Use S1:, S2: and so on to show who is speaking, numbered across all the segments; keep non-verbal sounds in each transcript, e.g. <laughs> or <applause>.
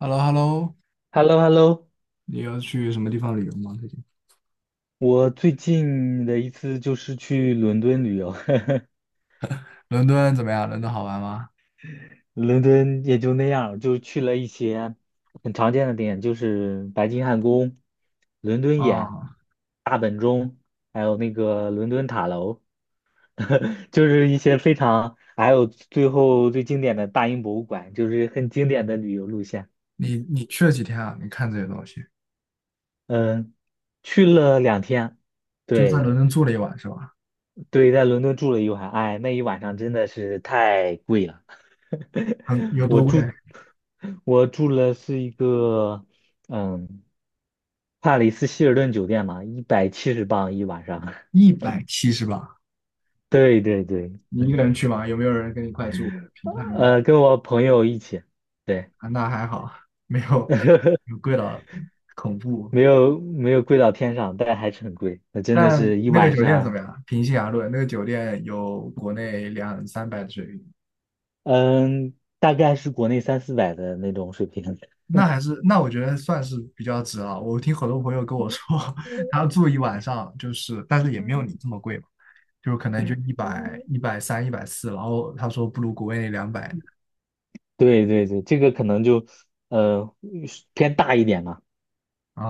S1: h e l l o h e l l o
S2: h e l l o h e l l o
S1: 你要去什么地方旅游吗？最近
S2: 我最近的一次就是去伦敦旅游，
S1: 伦敦怎么样？伦敦好玩吗？
S2: <laughs> 伦敦也就那样，就去了一些很常见的点，就是白金汉宫、伦敦眼、
S1: 啊，
S2: 大本钟，还有那个伦敦塔楼，<laughs> 就是一些非常，还有最后最经典的大英博物馆，就是很经典的旅游路线。
S1: 你去了几天啊？你看这些东西，
S2: 嗯，去了2天，
S1: 就在
S2: 对。
S1: 伦敦住了一晚是吧？
S2: 对，在伦敦住了一晚，哎，那一晚上真的是太贵了。
S1: 很
S2: <laughs>
S1: 有
S2: 我
S1: 多
S2: 住，
S1: 贵？
S2: 我住了是一个，嗯，帕里斯希尔顿酒店嘛，170镑一晚上。
S1: 170吧？
S2: <laughs> 对对对，
S1: 你一个人去吗？有没有人跟你一块住？平摊
S2: 跟我朋友一起，对，
S1: 啊，那还好，没有，有
S2: <laughs>
S1: 贵到恐怖？
S2: 没有没有贵到天上，但还是很贵。那真的
S1: 但
S2: 是一
S1: 那个
S2: 晚
S1: 酒店怎么
S2: 上，
S1: 样？平心而论，那个酒店有国内两三百的水平。
S2: 嗯，大概是国内三四百的那种水平。
S1: 那还是那我觉得算是比较值了。我听很多朋友跟我说，
S2: <laughs>
S1: <laughs> 他住一晚上就是，但是也没有你这么贵嘛，就可能就一百、130、140，然后他说不如国内两百。
S2: 对对对，这个可能就呃偏大一点嘛，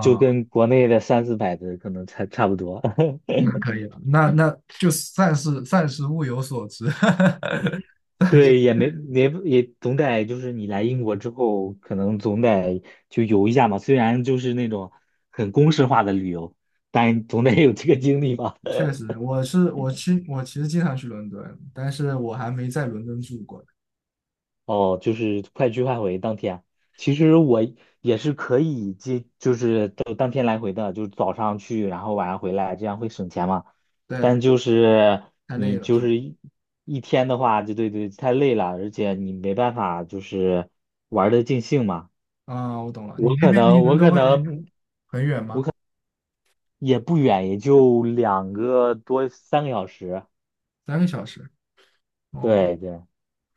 S2: 就跟国内的三四百的可能差不多。<laughs>
S1: 那可以了，那就算是物有所值。<laughs> 但是
S2: 对，也没没也总得就是你来英国之后，可能总得就游一下嘛。虽然就是那种很公式化的旅游，但总得有这个经历吧。
S1: 确实，我其实经常去伦敦，但是我还没在伦敦住过。
S2: 哦，就是快去快回当天。其实我也是可以接，就是当天来回的，就是早上去，然后晚上回来，这样会省钱嘛。
S1: 对，
S2: 但就是
S1: 太累
S2: 你
S1: 了
S2: 就
S1: 是吗？
S2: 是一天的话，就对对，太累了，而且你没办法就是玩的尽兴嘛。
S1: 啊，我懂了，你
S2: 我
S1: 那
S2: 可
S1: 边离
S2: 能
S1: 伦
S2: 我
S1: 敦
S2: 可
S1: 会
S2: 能
S1: 很远吗？
S2: 也不远，也就2个多3个小时。
S1: 三个小时？哦，
S2: 对对，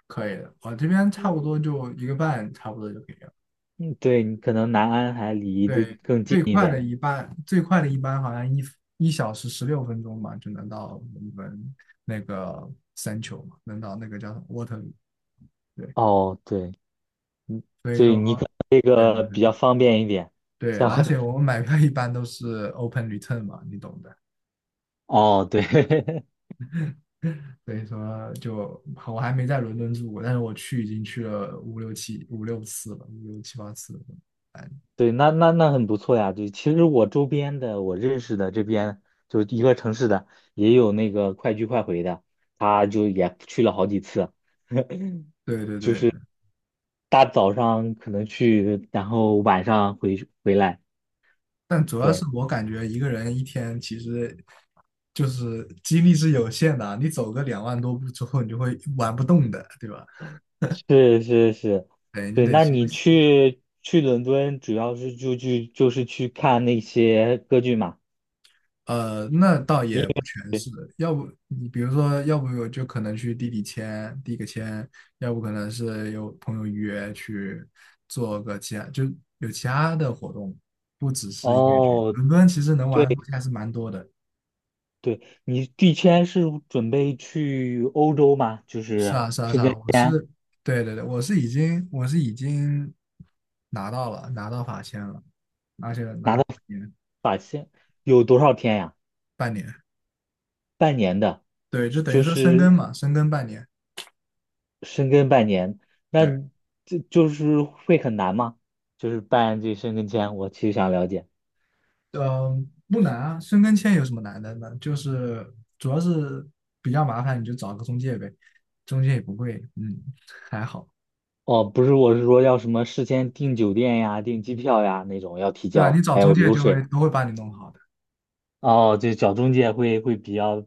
S1: 可以的，我这边差不多就一个半，差不多就可以了。
S2: 嗯，对你可能南安还
S1: 嗯，
S2: 离得
S1: 对，
S2: 更近
S1: 最
S2: 一
S1: 快的
S2: 点。
S1: 一半，最快的一班好像一小时十六分钟嘛，就能到我们那个三球嘛，能到那个叫什么 Waterloo。对，
S2: 哦，对。
S1: 所以
S2: 所以
S1: 说，
S2: 你可能这
S1: 对对
S2: 个
S1: 对
S2: 比较方便一点，
S1: 对，
S2: 像
S1: 而且
S2: <laughs>
S1: 我们买票一般都是 open return 嘛，你懂的。
S2: 哦，对，<laughs>
S1: 所以说就，我还没在伦敦住过，但是我已经去了五六七五六次了，五六七八次了。
S2: 对，那很不错呀。对，其实我周边的，我认识的这边就一个城市的，也有那个快去快回的，他就也去了好几次，
S1: 对对
S2: <laughs> 就
S1: 对，
S2: 是大早上可能去，然后晚上回来。
S1: 但主要是
S2: 对，
S1: 我感觉一个人一天其实就是精力是有限的啊，你走个2万多步之后，你就会玩不动的，对吧？
S2: 是是是，
S1: 等于就
S2: 对。
S1: 得
S2: 那
S1: 休
S2: 你
S1: 息。
S2: 去伦敦，主要是就是去看那些歌剧嘛？
S1: 那倒也不全是，要不你比如说，要不我就可能去地里签递个签，要不可能是有朋友约去做个其他，就有其他的活动，不只是音乐剧。
S2: 哦，
S1: 伦敦其实能
S2: 对。
S1: 玩的东西还是蛮多的。
S2: 对，你第签是准备去欧洲吗？就
S1: 是
S2: 是
S1: 啊，是啊，是啊，我是，对对对，我是已经拿到了，拿到法签了，而且拿
S2: 拿
S1: 了
S2: 到
S1: 半年。
S2: 有多少天呀？
S1: 半年，
S2: 半年的，
S1: 对，就等于
S2: 就
S1: 说深耕
S2: 是
S1: 嘛，深耕半年。
S2: 深根半年，那
S1: 对，
S2: 你这就是会很难吗？就是办这深根签，我其实想了解。
S1: 嗯，不难啊，深耕签有什么难的呢？就是主要是比较麻烦，你就找个中介呗，中介也不贵。嗯，还好，
S2: 哦，不是，我是说要什么事先订酒店呀、订机票呀那种要提
S1: 对吧？你
S2: 交，
S1: 找
S2: 还
S1: 中
S2: 有
S1: 介
S2: 流
S1: 就会
S2: 水。
S1: 都会把你弄好的，
S2: 哦，对，找中介会比较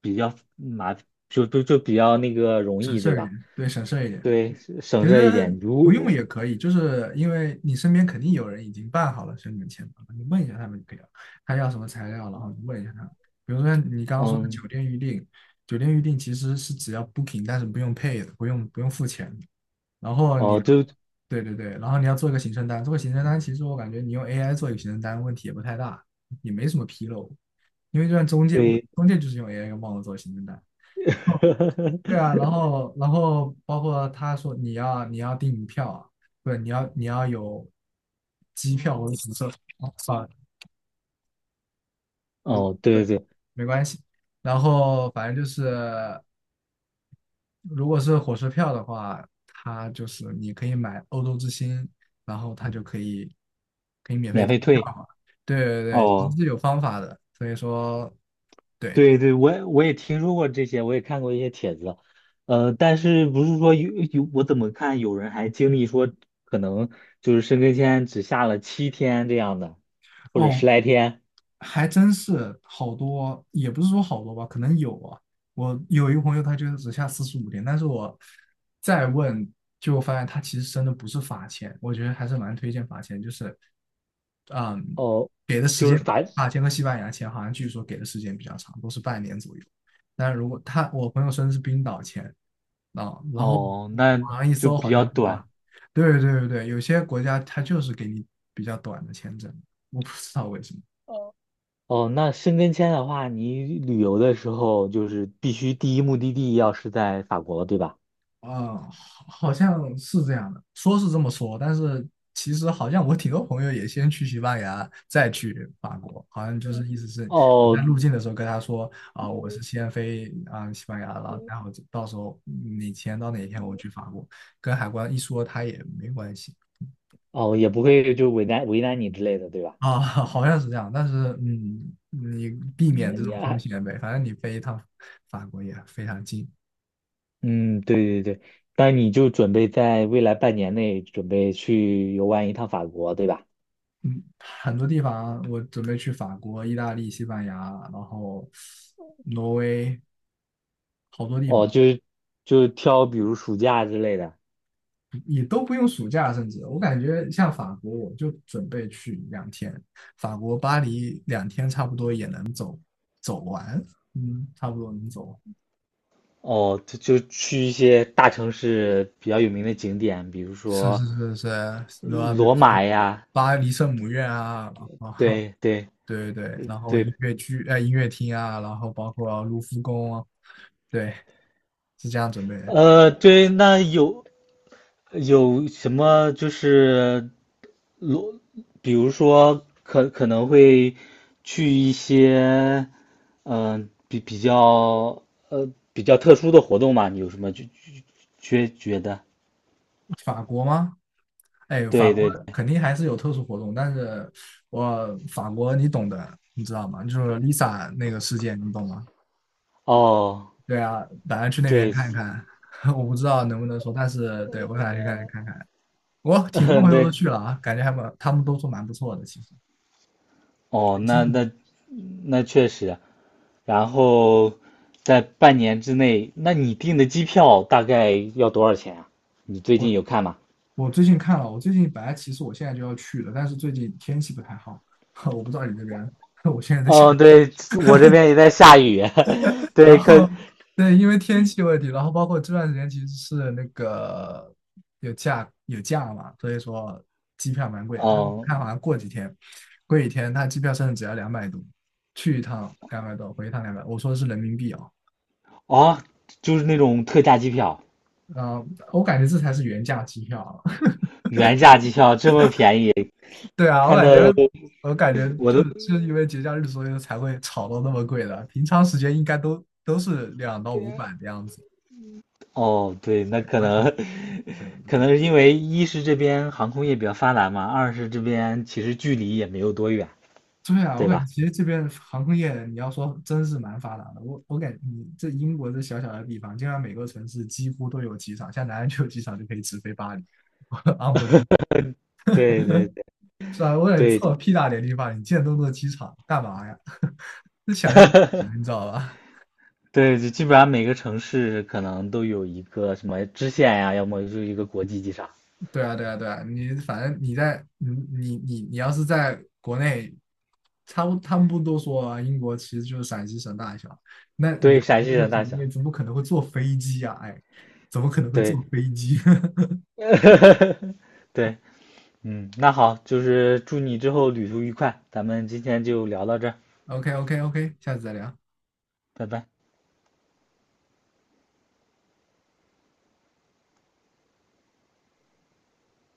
S2: 比较麻，就比较那个容
S1: 省
S2: 易，
S1: 事
S2: 对
S1: 儿一
S2: 吧？
S1: 点，对，省事儿一点。
S2: 对，省
S1: 其
S2: 事儿一
S1: 实
S2: 点。
S1: 不用也可以，就是因为你身边肯定有人已经办好了申请签证了，你问一下他们就可以了，他要什么材料，然后你问一下他们。比如说你刚刚说的酒
S2: 嗯，
S1: 店预订，酒店预订其实是只要 booking，但是不用 pay 的，不用付钱的。然后你，
S2: 哦，就
S1: 对对对，然后你要做一个行程单，做个行程单，其实我感觉你用 AI 做一个行程单问题也不太大，也没什么纰漏，因为就像中介，我
S2: 对，
S1: 中介就是用 AI 帮我做行程单。对啊，
S2: <laughs>
S1: 然后包括他说你要订票啊，不是你要有机票或者什么设。哦，啊，算了，不是，
S2: 哦，对
S1: 对，
S2: 对，
S1: 没关系。然后反正就是如果是火车票的话，他就是你可以买欧洲之星，然后他就可以免费
S2: 免
S1: 退
S2: 费退，
S1: 票嘛。对对对，其实
S2: 哦，
S1: 是有方法的，所以说对。
S2: 对对，我也听说过这些，我也看过一些帖子，但是不是说我怎么看有人还经历说可能就是申根签只下了7天这样的，或者
S1: 哦，
S2: 十来天，
S1: 还真是好多，也不是说好多吧，可能有啊。我有一个朋友，他就只下45天，但是我再问，就发现他其实真的不是罚钱，我觉得还是蛮推荐罚钱，就是，嗯，
S2: 哦，
S1: 给的时
S2: 就是
S1: 间，
S2: 反，
S1: 法签和西班牙签好像据说给的时间比较长，都是半年左右。但如果我朋友申的是冰岛签啊，然后
S2: 哦，那
S1: 网上一
S2: 就
S1: 搜
S2: 比
S1: 好
S2: 较
S1: 像冰岛，
S2: 短，
S1: 对对对对，有些国家他就是给你比较短的签证，我不知道为什么。
S2: 哦，那申根签的话，你旅游的时候就是必须第一目的地要是在法国，对吧？
S1: 啊，好像是这样的，说是这么说，但是其实好像我挺多朋友也先去西班牙，再去法国，好像就是意思是你在
S2: 哦，
S1: 入境的时候跟他说啊，我是先飞啊西班牙，然后到时候你签到哪一天我去法国，跟海关一说他也没关系
S2: 哦，也不会就为难为难你之类的，对吧？
S1: 啊。<laughs> 好像是这样，但是你避免这
S2: 嗯
S1: 种风
S2: 呀
S1: 险呗，反正你飞一趟法国也非常近。
S2: 嗯，对对对，但你就准备在未来半年内准备去游玩一趟法国，对吧？
S1: 很多地方我准备去法国、意大利、西班牙，然后挪威，好多地
S2: 哦，
S1: 方
S2: 就是就挑比如暑假之类的，
S1: 也都不用暑假，甚至我感觉像法国，我就准备去两天，法国巴黎两天差不多也能走完，嗯，差不多能走。
S2: 哦，就去一些大城市比较有名的景点，比如
S1: 是是
S2: 说
S1: 是是，对吧？比如
S2: 罗
S1: 说
S2: 马呀，
S1: 巴黎圣母院啊，然后
S2: 对对
S1: 对对对，然后
S2: 对，
S1: 音乐剧、音乐厅啊，然后包括卢浮宫啊，对，是这样准备。
S2: 对，那有什么就是罗，比如说可能会去一些，比较呃特殊的活动嘛？你有什么觉得？
S1: 法国吗？哎，法
S2: 对
S1: 国
S2: 对，
S1: 肯定还是有特殊活动，但是我法国你懂的，你知道吗？就是 Lisa 那个事件，你懂吗？
S2: 哦，
S1: 对啊，打算去那边
S2: 对，<laughs>
S1: 看一看。<laughs> 我不知道能不能说，但是对，我打算去看看。我挺多
S2: 嗯
S1: 朋友都
S2: 对，
S1: 去了啊，感觉还蛮，他们都说蛮不错的。其实，
S2: 哦，
S1: 最
S2: 那
S1: 近，
S2: 那那确实，然后在半年之内，那你订的机票大概要多少钱啊？你最近
S1: 我
S2: 有看吗？
S1: 我最近看了，我最近本来其实我现在就要去的，但是最近天气不太好，<laughs> 我不知道你那边。<laughs> 我现在在想
S2: 哦，对，我这边也在下雨，<laughs>
S1: 然
S2: 对，
S1: 后对，因为天气问题，然后包括这段时间其实是那个有假嘛，所以说机票蛮贵，但是我
S2: 哦，
S1: 看好像过几天，它机票甚至只要两百多，去一趟两百多，回一趟两百，我说的是人民币哦。
S2: 哦，就是那种特价机票，
S1: 嗯，我感觉这才是原价机票啊。
S2: 原价机票这么便宜，
S1: <laughs> 对啊，我
S2: 看到
S1: 感觉
S2: 我
S1: 我感觉就
S2: 都，
S1: 就是因为节假日，所以才会炒到那么贵的，平常时间应该都是200到500的样子，
S2: 哦，对，那
S1: 对，
S2: 可
S1: 而且
S2: 能，
S1: 对
S2: 可
S1: 对。
S2: 能是因为一是这边航空业比较发达嘛，二是这边其实距离也没有多远，
S1: 对啊，我
S2: 对
S1: 感觉
S2: 吧？
S1: 其实这边航空业，你要说真是蛮发达的。我感觉你这英国这小小的地方，竟然每个城市几乎都有机场，像南安就有机场，就可以直飞巴黎。<laughs> 我 u n b e
S2: 对对
S1: 是吧？我感觉
S2: 对
S1: 这么
S2: 对
S1: 屁大点地方，你建那么多机场干嘛呀？这想象不出来你知道吧？
S2: 对，就基本上每个城市可能都有一个什么支线呀、要么就是一个国际机场，
S1: 对啊，对啊，对啊，你反正你在你你你你要是在国内，他们不多说啊，英国其实就是陕西省大小，那你在
S2: 对，陕西
S1: 这个
S2: 人大
S1: 省
S2: 小，
S1: 内怎么可能会坐飞机啊？哎，怎么可能会
S2: 对，
S1: 坐飞机
S2: <laughs> 对。那好，就是祝你之后旅途愉快，咱们今天就聊到这儿
S1: ？OK OK OK，<laughs> 下次再聊。
S2: 拜拜。